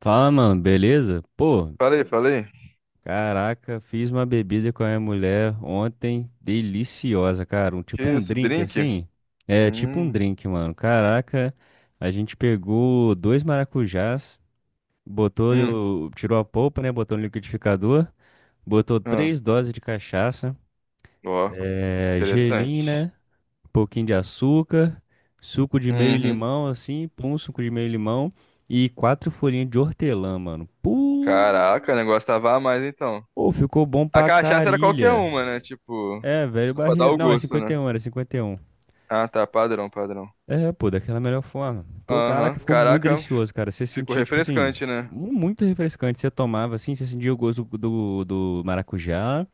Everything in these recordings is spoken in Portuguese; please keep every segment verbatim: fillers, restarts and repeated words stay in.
Fala, mano, beleza? Pô, Falei, falei. caraca, fiz uma bebida com a minha mulher ontem, deliciosa, cara. Um, Que Tipo um isso, drink drink? assim? É, tipo um Hum, drink, mano. Caraca, a gente pegou dois maracujás, botou, hum, o- tirou a polpa, né? Botou no liquidificador, botou ah, três doses de cachaça, ó. É, é, interessante. gelim, né? Um pouquinho de açúcar, suco de meio Uhum. limão, assim, pum, suco de meio limão e quatro folhinhas de hortelã, mano. Pô! Caraca, o negócio tava a mais então. Pô, ficou bom A pra cachaça era qualquer carilha. uma, né? Tipo, É, velho só pra dar barreiro. o Não, é gosto, né? cinquenta e um, era cinquenta e um. Ah, tá, padrão, padrão. É, pô, daquela melhor forma. Pô, caraca, Aham. ficou muito Caraca, delicioso, cara. Você ficou sentia, tipo assim, refrescante, né? mu- muito refrescante. Você tomava, assim, você sentia o gosto do, do maracujá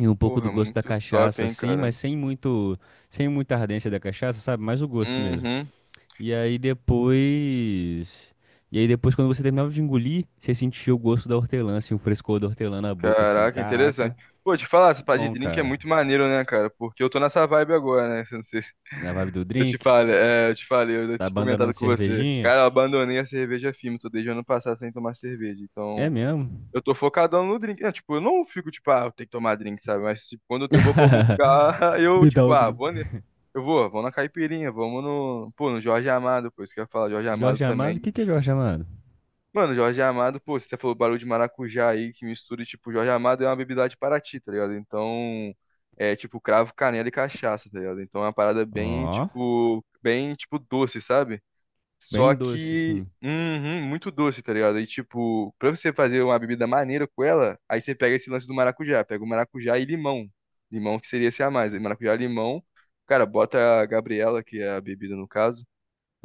e um pouco do Porra, gosto da muito top, cachaça, hein, assim, cara. mas sem muito, sem muita ardência da cachaça, sabe? Mais o gosto mesmo. Uhum. E aí depois... E aí depois, quando você terminava de engolir, você sentia o gosto da hortelã, assim, o frescor da hortelã na boca, assim. Caraca, interessante. Caraca, Pô, te falar, essa parada de bom, drink é cara. muito maneiro, né, cara? Porque eu tô nessa vibe agora, né? Não sei. Na vibe do Eu te drink, falei, é, eu te falei, eu tá tinha comentado abandonando com você. cervejinha. Cara, eu abandonei a cerveja firme, tô desde o ano passado sem tomar cerveja. É Então, mesmo? eu tô focadão no drink. Não, tipo, eu não fico, tipo, ah, eu tenho que tomar drink, sabe? Mas tipo, quando eu vou pra algum lugar, eu, Me dá tipo, o ah, drink. vou, ne- eu vou, vamos na caipirinha, vamos no, pô, no Jorge Amado, pô, isso que eu ia falar, Jorge Amado Jorge Amado, o também. que que é Jorge Amado? Mano, Jorge Amado, pô, você até falou barulho de maracujá aí, que mistura, e, tipo, Jorge Amado é uma bebida lá de Paraty, tá ligado? Então, é tipo cravo, canela e cachaça, tá ligado? Então é uma parada bem, Ó, tipo, bem, tipo, doce, sabe? Só bem doce, que, assim. uhum, muito doce, tá ligado? E, tipo, pra você fazer uma bebida maneira com ela, aí você pega esse lance do maracujá, pega o maracujá e limão. Limão que seria esse a mais, aí maracujá e limão. Cara, bota a Gabriela, que é a bebida no caso.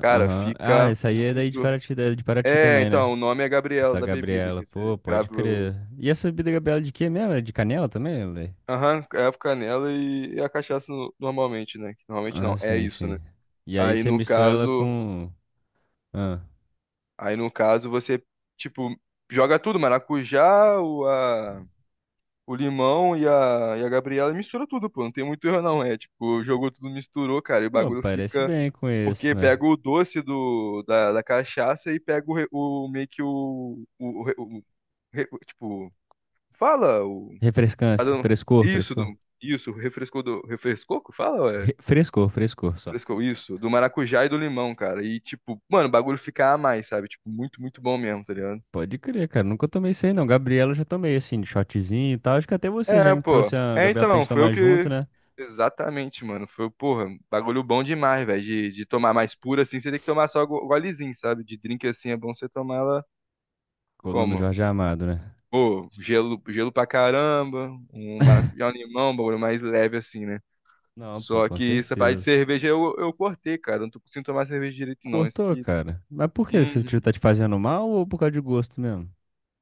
Cara, Aham. Ah, fica essa aí é daí de muito. Paraty, é de Paraty É, também, né? então, o nome é Gabriela Essa da bebida, Gabriela, que você pô, pode crava o. crer. E essa bebida Gabriela de quê mesmo? É de canela também, velho? Aham, crava canela e, e a cachaça no- normalmente, né? Que normalmente não, Ah, é sim, isso, né? sim. E aí Aí você no mistura ela caso, com. Ah, aí no caso você, tipo, joga tudo, maracujá, o, a, o limão e a, e a Gabriela e mistura tudo, pô. Não tem muito erro não, é tipo, jogou tudo, misturou, cara, e o pô, bagulho parece fica. bem com esse, Porque né? pega o doce do, da, da cachaça e pega o, re- o meio que o, o, o, re- o re- tipo, fala o. Ah, Refrescância, do- frescor, isso, do... frescor. isso, refrescou do. Refrescou? Que fala, ué. Re- Frescor, frescor só. Refrescou isso, do maracujá e do limão, cara. E, tipo, mano, o bagulho fica a mais, sabe? Tipo, muito, muito bom mesmo, tá ligado? Pode crer, cara. Nunca tomei isso aí, não. Gabriela eu já tomei, assim, de shotzinho e tal. Acho que até você já É, me pô. trouxe a É, Gabriela pra então, gente foi o tomar junto, que. né? Exatamente, mano. Foi, porra, bagulho bom demais, velho. De, de tomar mais pura assim, você tem que tomar só go- golezinho, sabe? De drink assim é bom você tomar ela Com o Nuno como? Jorge Amado, né? Pô, gelo, gelo pra caramba, um maracujá, um limão, um bagulho mais leve assim, né? Não, pô, Só com que essa parte de certeza. cerveja eu, eu cortei, cara. Eu não tô conseguindo tomar cerveja direito, não. Isso Cortou, que. cara. Mas por que? Se o tiro Uhum. tá te fazendo mal ou por causa de gosto mesmo?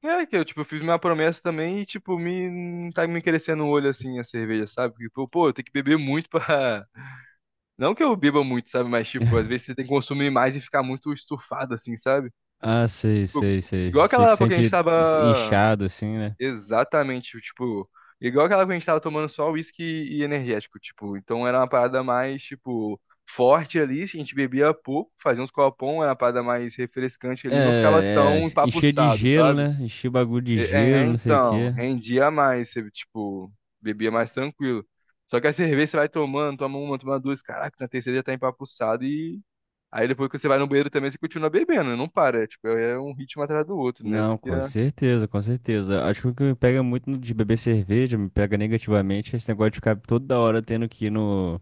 É que eu, tipo, fiz minha promessa também e, tipo, me não tá me crescendo o olho assim a cerveja, sabe? Porque, pô, pô, eu tenho que beber muito pra. Não que eu beba muito, sabe? Mas, tipo, às vezes você tem que consumir mais e ficar muito estufado, assim, sabe? Ah, sei, Tipo, sei, sei. igual aquela Fica época que a gente sente tava. inchado, assim, né? Exatamente, tipo, igual aquela que a gente tava tomando só uísque e energético, tipo, então era uma parada mais, tipo, forte ali, a gente bebia pouco, fazia uns copão, era uma parada mais refrescante ali, não ficava É, tão é. Encher de empapuçado, gelo, sabe? né? Encher o bagulho de É, gelo, é, não sei o então, quê. rendia mais, você, tipo, bebia mais tranquilo. Só que a cerveja você vai tomando, toma uma, toma duas, caraca, na terceira já tá empapuçado e aí depois que você vai no banheiro também você continua bebendo, não para, tipo, é um ritmo atrás do outro, né? Não, Isso que com é... certeza, com certeza. Acho que o que me pega muito no- de beber cerveja, me pega negativamente, é esse negócio de ficar toda hora tendo que ir no,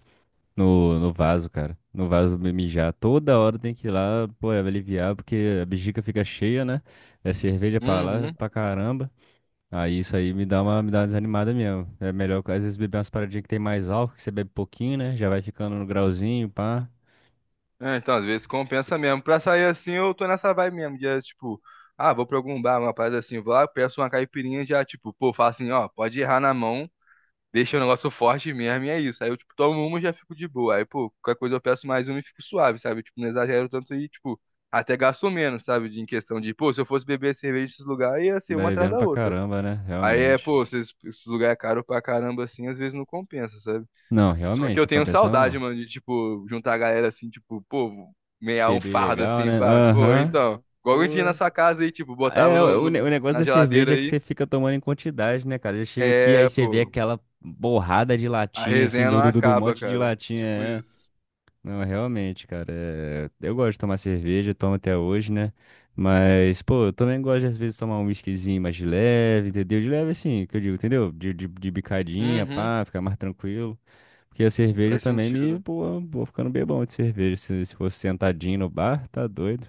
no, no vaso, cara. No vaso me- mijar. Toda hora tem que ir lá, pô, é aliviar, porque a bexiga fica cheia, né? É cerveja pra lá, Uhum. pra caramba. Aí isso aí me dá uma, me dá uma desanimada mesmo. É melhor, às vezes, beber umas paradinhas que tem mais álcool, que você bebe pouquinho, né? Já vai ficando no grauzinho, pá. É, então, às vezes compensa mesmo. Pra sair assim, eu tô nessa vibe mesmo. De, tipo, ah, vou pra algum bar, uma parada assim, vou lá, peço uma caipirinha, já, tipo, pô, faço assim, ó, pode errar na mão, deixa o negócio forte mesmo, e é isso. Aí eu, tipo, tomo uma e já fico de boa. Aí, pô, qualquer coisa eu peço mais uma e fico suave, sabe? Tipo, não exagero tanto e, tipo, até gasto menos, sabe? De, em questão de, pô, se eu fosse beber cerveja nesses lugares, ia ser Vai uma atrás bebendo da pra outra. caramba, né? Aí é, Realmente. pô, esses, esses lugares é caro pra caramba, assim, às vezes não compensa, sabe? Não, Só que realmente, eu não tenho compensa saudade, não. mano, de, tipo, juntar a galera assim, tipo, pô, meia um Beber fardo legal, assim, né? pá, pô, Aham. então, aham, Pô. igual eu tinha na sua casa aí, tipo, botava É, no, o, o ne- o no- negócio na da geladeira cerveja é que aí. você fica tomando em quantidade, né, cara? Já chega aqui, aí É, você vê pô, aquela borrada de a latinha, assim, resenha não do, do, do do acaba, monte de cara. latinha. Tipo É. isso. Não, realmente, cara. é, Eu gosto de tomar cerveja, tomo até hoje, né? Mas, pô, eu também gosto de, às vezes, tomar um whiskyzinho mais de leve, entendeu? De leve, assim, que eu digo, entendeu? De, de, de bicadinha, Uhum. pá, ficar mais tranquilo. Porque a cerveja Faz também me, sentido. pô, vou ficando bem bom de cerveja. Se, se fosse sentadinho no bar, tá doido.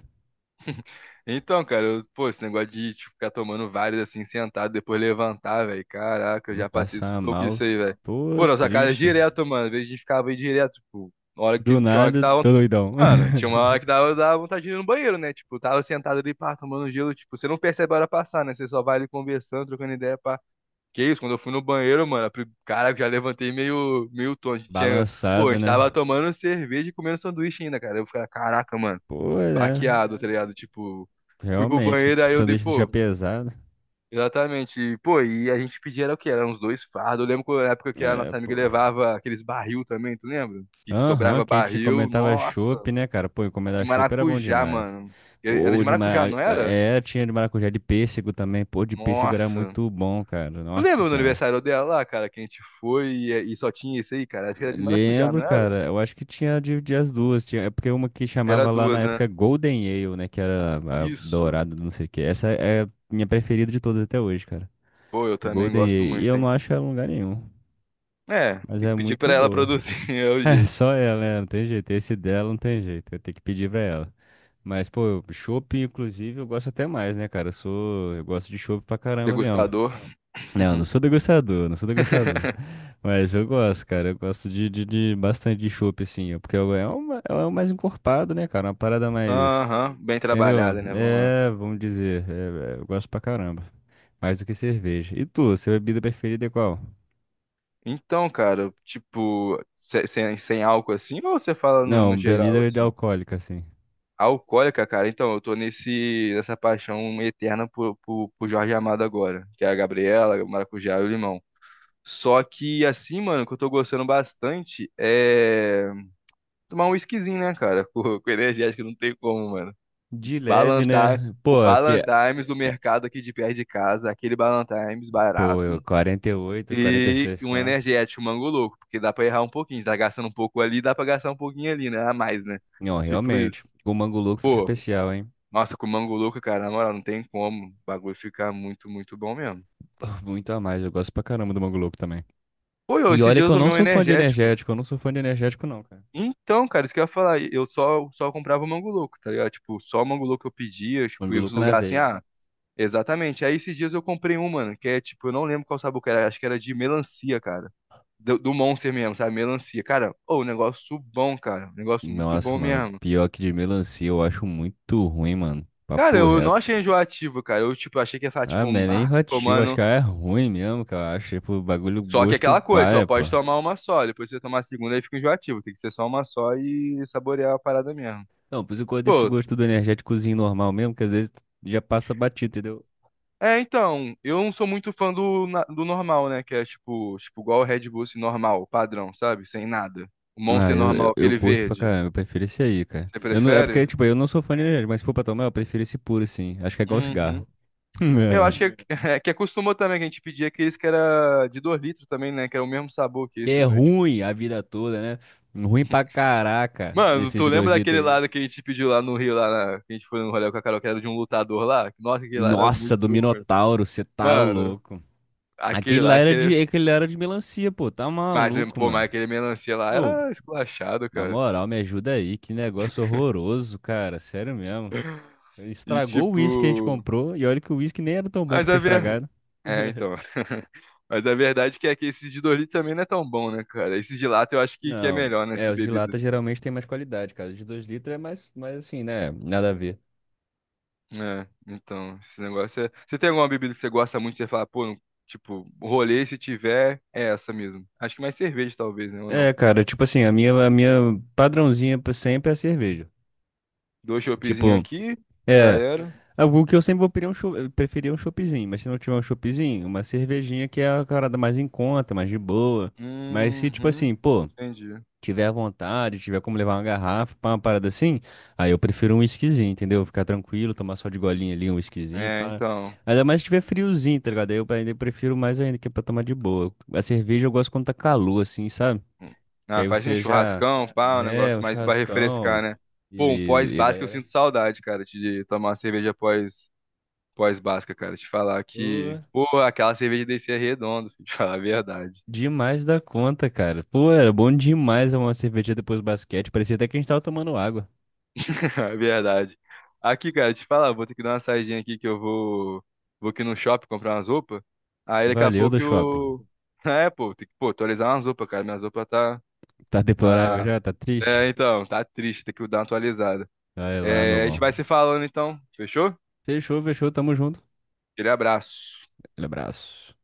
Então, cara, eu- pô, esse negócio de tipo, ficar tomando vários assim, sentado, depois levantar, velho. Caraca, eu Vou já passei passar sufoco mal. isso aí, velho. Pô, Pô, nossa casa é triste. direto, mano. Às vezes a gente ficava aí direto, tipo, na hora Do que, tinha hora que nada, tava. tô doidão. Mano, tinha uma hora que dava, dava vontade de ir no banheiro, né? Tipo, tava sentado ali, pá, tomando gelo. Tipo, você não percebe a hora passar, né? Você só vai ali conversando, trocando ideia, pá. Que isso, quando eu fui no banheiro, mano, a pri- cara, eu já levantei meio, meio tonto. A gente tinha, pô, a Balançado, gente tava né? tomando cerveja e comendo sanduíche ainda, cara. Eu ficava, caraca, mano, Pô, é. baqueado, tá ligado? Tipo, fui pro Realmente, banheiro, aí eu dei, sanduíche deixa pô, pesado. exatamente. E, pô, e a gente pedia, era o quê? Era uns dois fardos. Eu lembro que na época que a É, nossa amiga pô. levava aqueles barril também, tu lembra? Que Aham, sobrava que a gente barril, comentava nossa chopp, né, cara? Pô, de encomendar chopp era bom maracujá, demais. mano. Era Pô, de de maracujá, mara... não era? É, tinha de maracujá de pêssego também. Pô, de pêssego era Nossa. muito bom, cara. Tu Nossa lembra do senhora. aniversário dela lá, cara, que a gente foi e, e só tinha isso aí, cara? Acho que era de maracujá, Lembro, não era? cara. Eu acho que tinha de, de as duas. Tinha, é porque uma que Era chamava lá na duas, né? época Golden Ale, né? Que era a Isso. dourada, do não sei o quê. Essa é a minha preferida de todas até hoje, cara. Pô, eu também Golden gosto Ale. E muito, eu hein? não acho ela em lugar nenhum. É, Mas tem é que pedir muito pra ela boa. produzir, é o É, jeito. só ela, né? Não tem jeito. Esse dela não tem jeito. Eu tenho que pedir pra ela. Mas, pô, chopp, inclusive, eu gosto até mais, né, cara? Eu sou. Eu gosto de chopp pra caramba mesmo. Degustador. Não, não sou degustador, não sou degustador. Mas eu gosto, cara. Eu gosto de, de, de bastante de chopp, assim. Porque é o é uma- é o mais encorpado, né, cara? Uma parada mais. Aham, bem Entendeu? trabalhada, né? Vamos lá. É, vamos dizer. É- é, eu gosto pra caramba. Mais do que cerveja. E tu, sua bebida preferida é qual? Então, cara, tipo, se- sem, sem álcool assim, ou você fala no, no Não, geral bebida de assim? alcoólica, assim. Alcoólica, cara, então, eu tô nesse, nessa paixão eterna por, por, por Jorge Amado agora, que é a Gabriela, o Maracujá e o Limão. Só que, assim, mano, o que eu tô gostando bastante é tomar um whiskyzinho, né, cara? Com, com energético não tem como, mano. De leve, Balantar, né? o Pô, aqui. é- Ballantimes do mercado aqui de perto de casa, aquele Ballantimes Pô, barato eu quarenta e oito, e quarenta e seis, um quanto? energético, um mango louco, porque dá pra errar um pouquinho, tá gastando um pouco ali, dá pra gastar um pouquinho ali, né? A mais, né? Não, Tipo realmente. isso. O Mango Louco fica especial, hein? Nossa, com Mango Louco, cara, na moral, não tem como. O bagulho ficar muito, muito bom mesmo. Pô, muito a mais. Eu gosto pra caramba do Mango Louco também. Pô, eu, E esses olha dias que eu eu não tomei um sou fã de energético. energético, eu não sou fã de energético, não, cara. Então, cara, isso que eu ia falar. Eu só, só comprava o Mango Louco, tá ligado? Tipo, só o Mango Louco eu pedia, tipo, ia pros Manguluco na lugares assim, veia. ah, exatamente. Aí esses dias eu comprei um, mano, que é tipo, eu não lembro qual sabor que era, acho que era de melancia, cara. Do, do Monster mesmo, sabe? Melancia. Cara, ô, um negócio bom, cara. Um negócio muito bom Nossa, mano, mesmo. pior que de melancia, eu acho muito ruim, mano. Cara, Papo eu não reto. achei enjoativo, cara. Eu, tipo, achei que ia falar, Ah, tipo, não é um, nem ah, relativo, acho que tomando. é ruim mesmo, que eu acho. Tipo, bagulho Só que é gosto aquela coisa, só paia, pô. pode tomar uma só. Depois você tomar a segunda aí fica enjoativo. Tem que ser só uma só e saborear a parada mesmo. Não, por isso eu gosto desse Pô, gosto do energéticozinho normal mesmo, que às vezes já passa batido, entendeu? é então, eu não sou muito fã do, na- do normal, né? Que é tipo, tipo, igual o Red Bull assim, normal, padrão, sabe? Sem nada. O Ah, Monster eu, normal, eu, eu aquele curto pra verde. caramba, eu prefiro esse aí, cara. Você Eu não, é porque, prefere? tipo, eu não sou fã de energético, mas se for pra tomar, eu prefiro esse puro, assim. Acho que é igual Uhum. cigarro. Eu acho que é, é que acostumou também que a gente pedia aqueles que era de dois litros também, né? Que era o mesmo sabor que Que é esses, né? ruim a vida toda, né? Ruim pra caraca, Mano, desses tu de dois lembra litros daquele aí. lado que a gente pediu lá no Rio, lá na... que a gente foi no rolê com a Carol, que era de um lutador lá? Nossa, aquele lá era Nossa, muito do ruim. Minotauro, você tá Mano, louco. aquele Aquele lá, lá era aquele... de, Aquele lá era de melancia, pô. Tá Mas, maluco, pô, mas mano. aquele melancia lá Pô, era esculachado, na cara. moral, me ajuda aí. Que negócio horroroso, cara. Sério mesmo. E, Estragou o tipo... uísque que a gente comprou. E olha que o uísque nem era tão bom Mas pra ser a ver... estragado. É, então... Mas a verdade é que esses de Doritos também não é tão bom, né, cara? Esse de lata eu acho que, que é Não, melhor, né, esse é, de os de lata bebidas. geralmente tem mais qualidade, cara. Os de dois litros é mais, mais assim, né? Nada a ver. É, então, esse negócio é. Você tem alguma bebida que você gosta muito, você fala, pô, não- tipo, rolê se tiver, é essa mesmo. Acho que mais cerveja, talvez, né? Ou não? É, cara, tipo assim, a minha, a minha padrãozinha pra sempre é a cerveja. Dois choppzinhos Tipo, aqui, já é, era. algo que eu sempre vou preferir um, cho- eu preferia um choppzinho, mas se não tiver um choppzinho, uma cervejinha que é a parada mais em conta, mais de boa. Mas se, tipo Uhum, assim, pô, entendi. tiver à vontade, tiver como levar uma garrafa pra uma parada assim, aí eu prefiro um whiskyzinho, entendeu? Ficar tranquilo, tomar só de golinha ali um whiskyzinho, É, pá. então. Ainda mais se tiver friozinho, tá ligado? Aí eu ainda prefiro mais ainda, que é pra tomar de boa. A cerveja eu gosto quando tá calor, assim, sabe? Que Ah, aí faz um você já. churrascão, pá, um É, negócio um mais pra refrescar, churrascão. né? Pô, um E, e a pós-basca eu galera. sinto saudade, cara, de tomar uma cerveja pós, pós-basca, cara. Te falar que, Ô. pô, aquela cerveja desse é redondo, filho, te falar a verdade. Demais da conta, cara. Pô, era bom demais uma cerveja depois do basquete. Parecia até que a gente tava tomando água. É verdade. Aqui, cara, te falar, vou ter que dar uma saidinha aqui que eu vou, vou aqui no shopping comprar umas roupas. Aí daqui a Valeu do pouco shopping. eu. É, pô, tem que, pô, atualizar umas roupas, cara. Minhas roupas tá, Tá deplorável tá. já? Tá É, triste? então, tá triste, tem que dar uma atualizada. Vai lá, meu É, a gente vai bom. se falando então, fechou? Fechou, fechou. Tamo junto. Aquele abraço. Aquele abraço.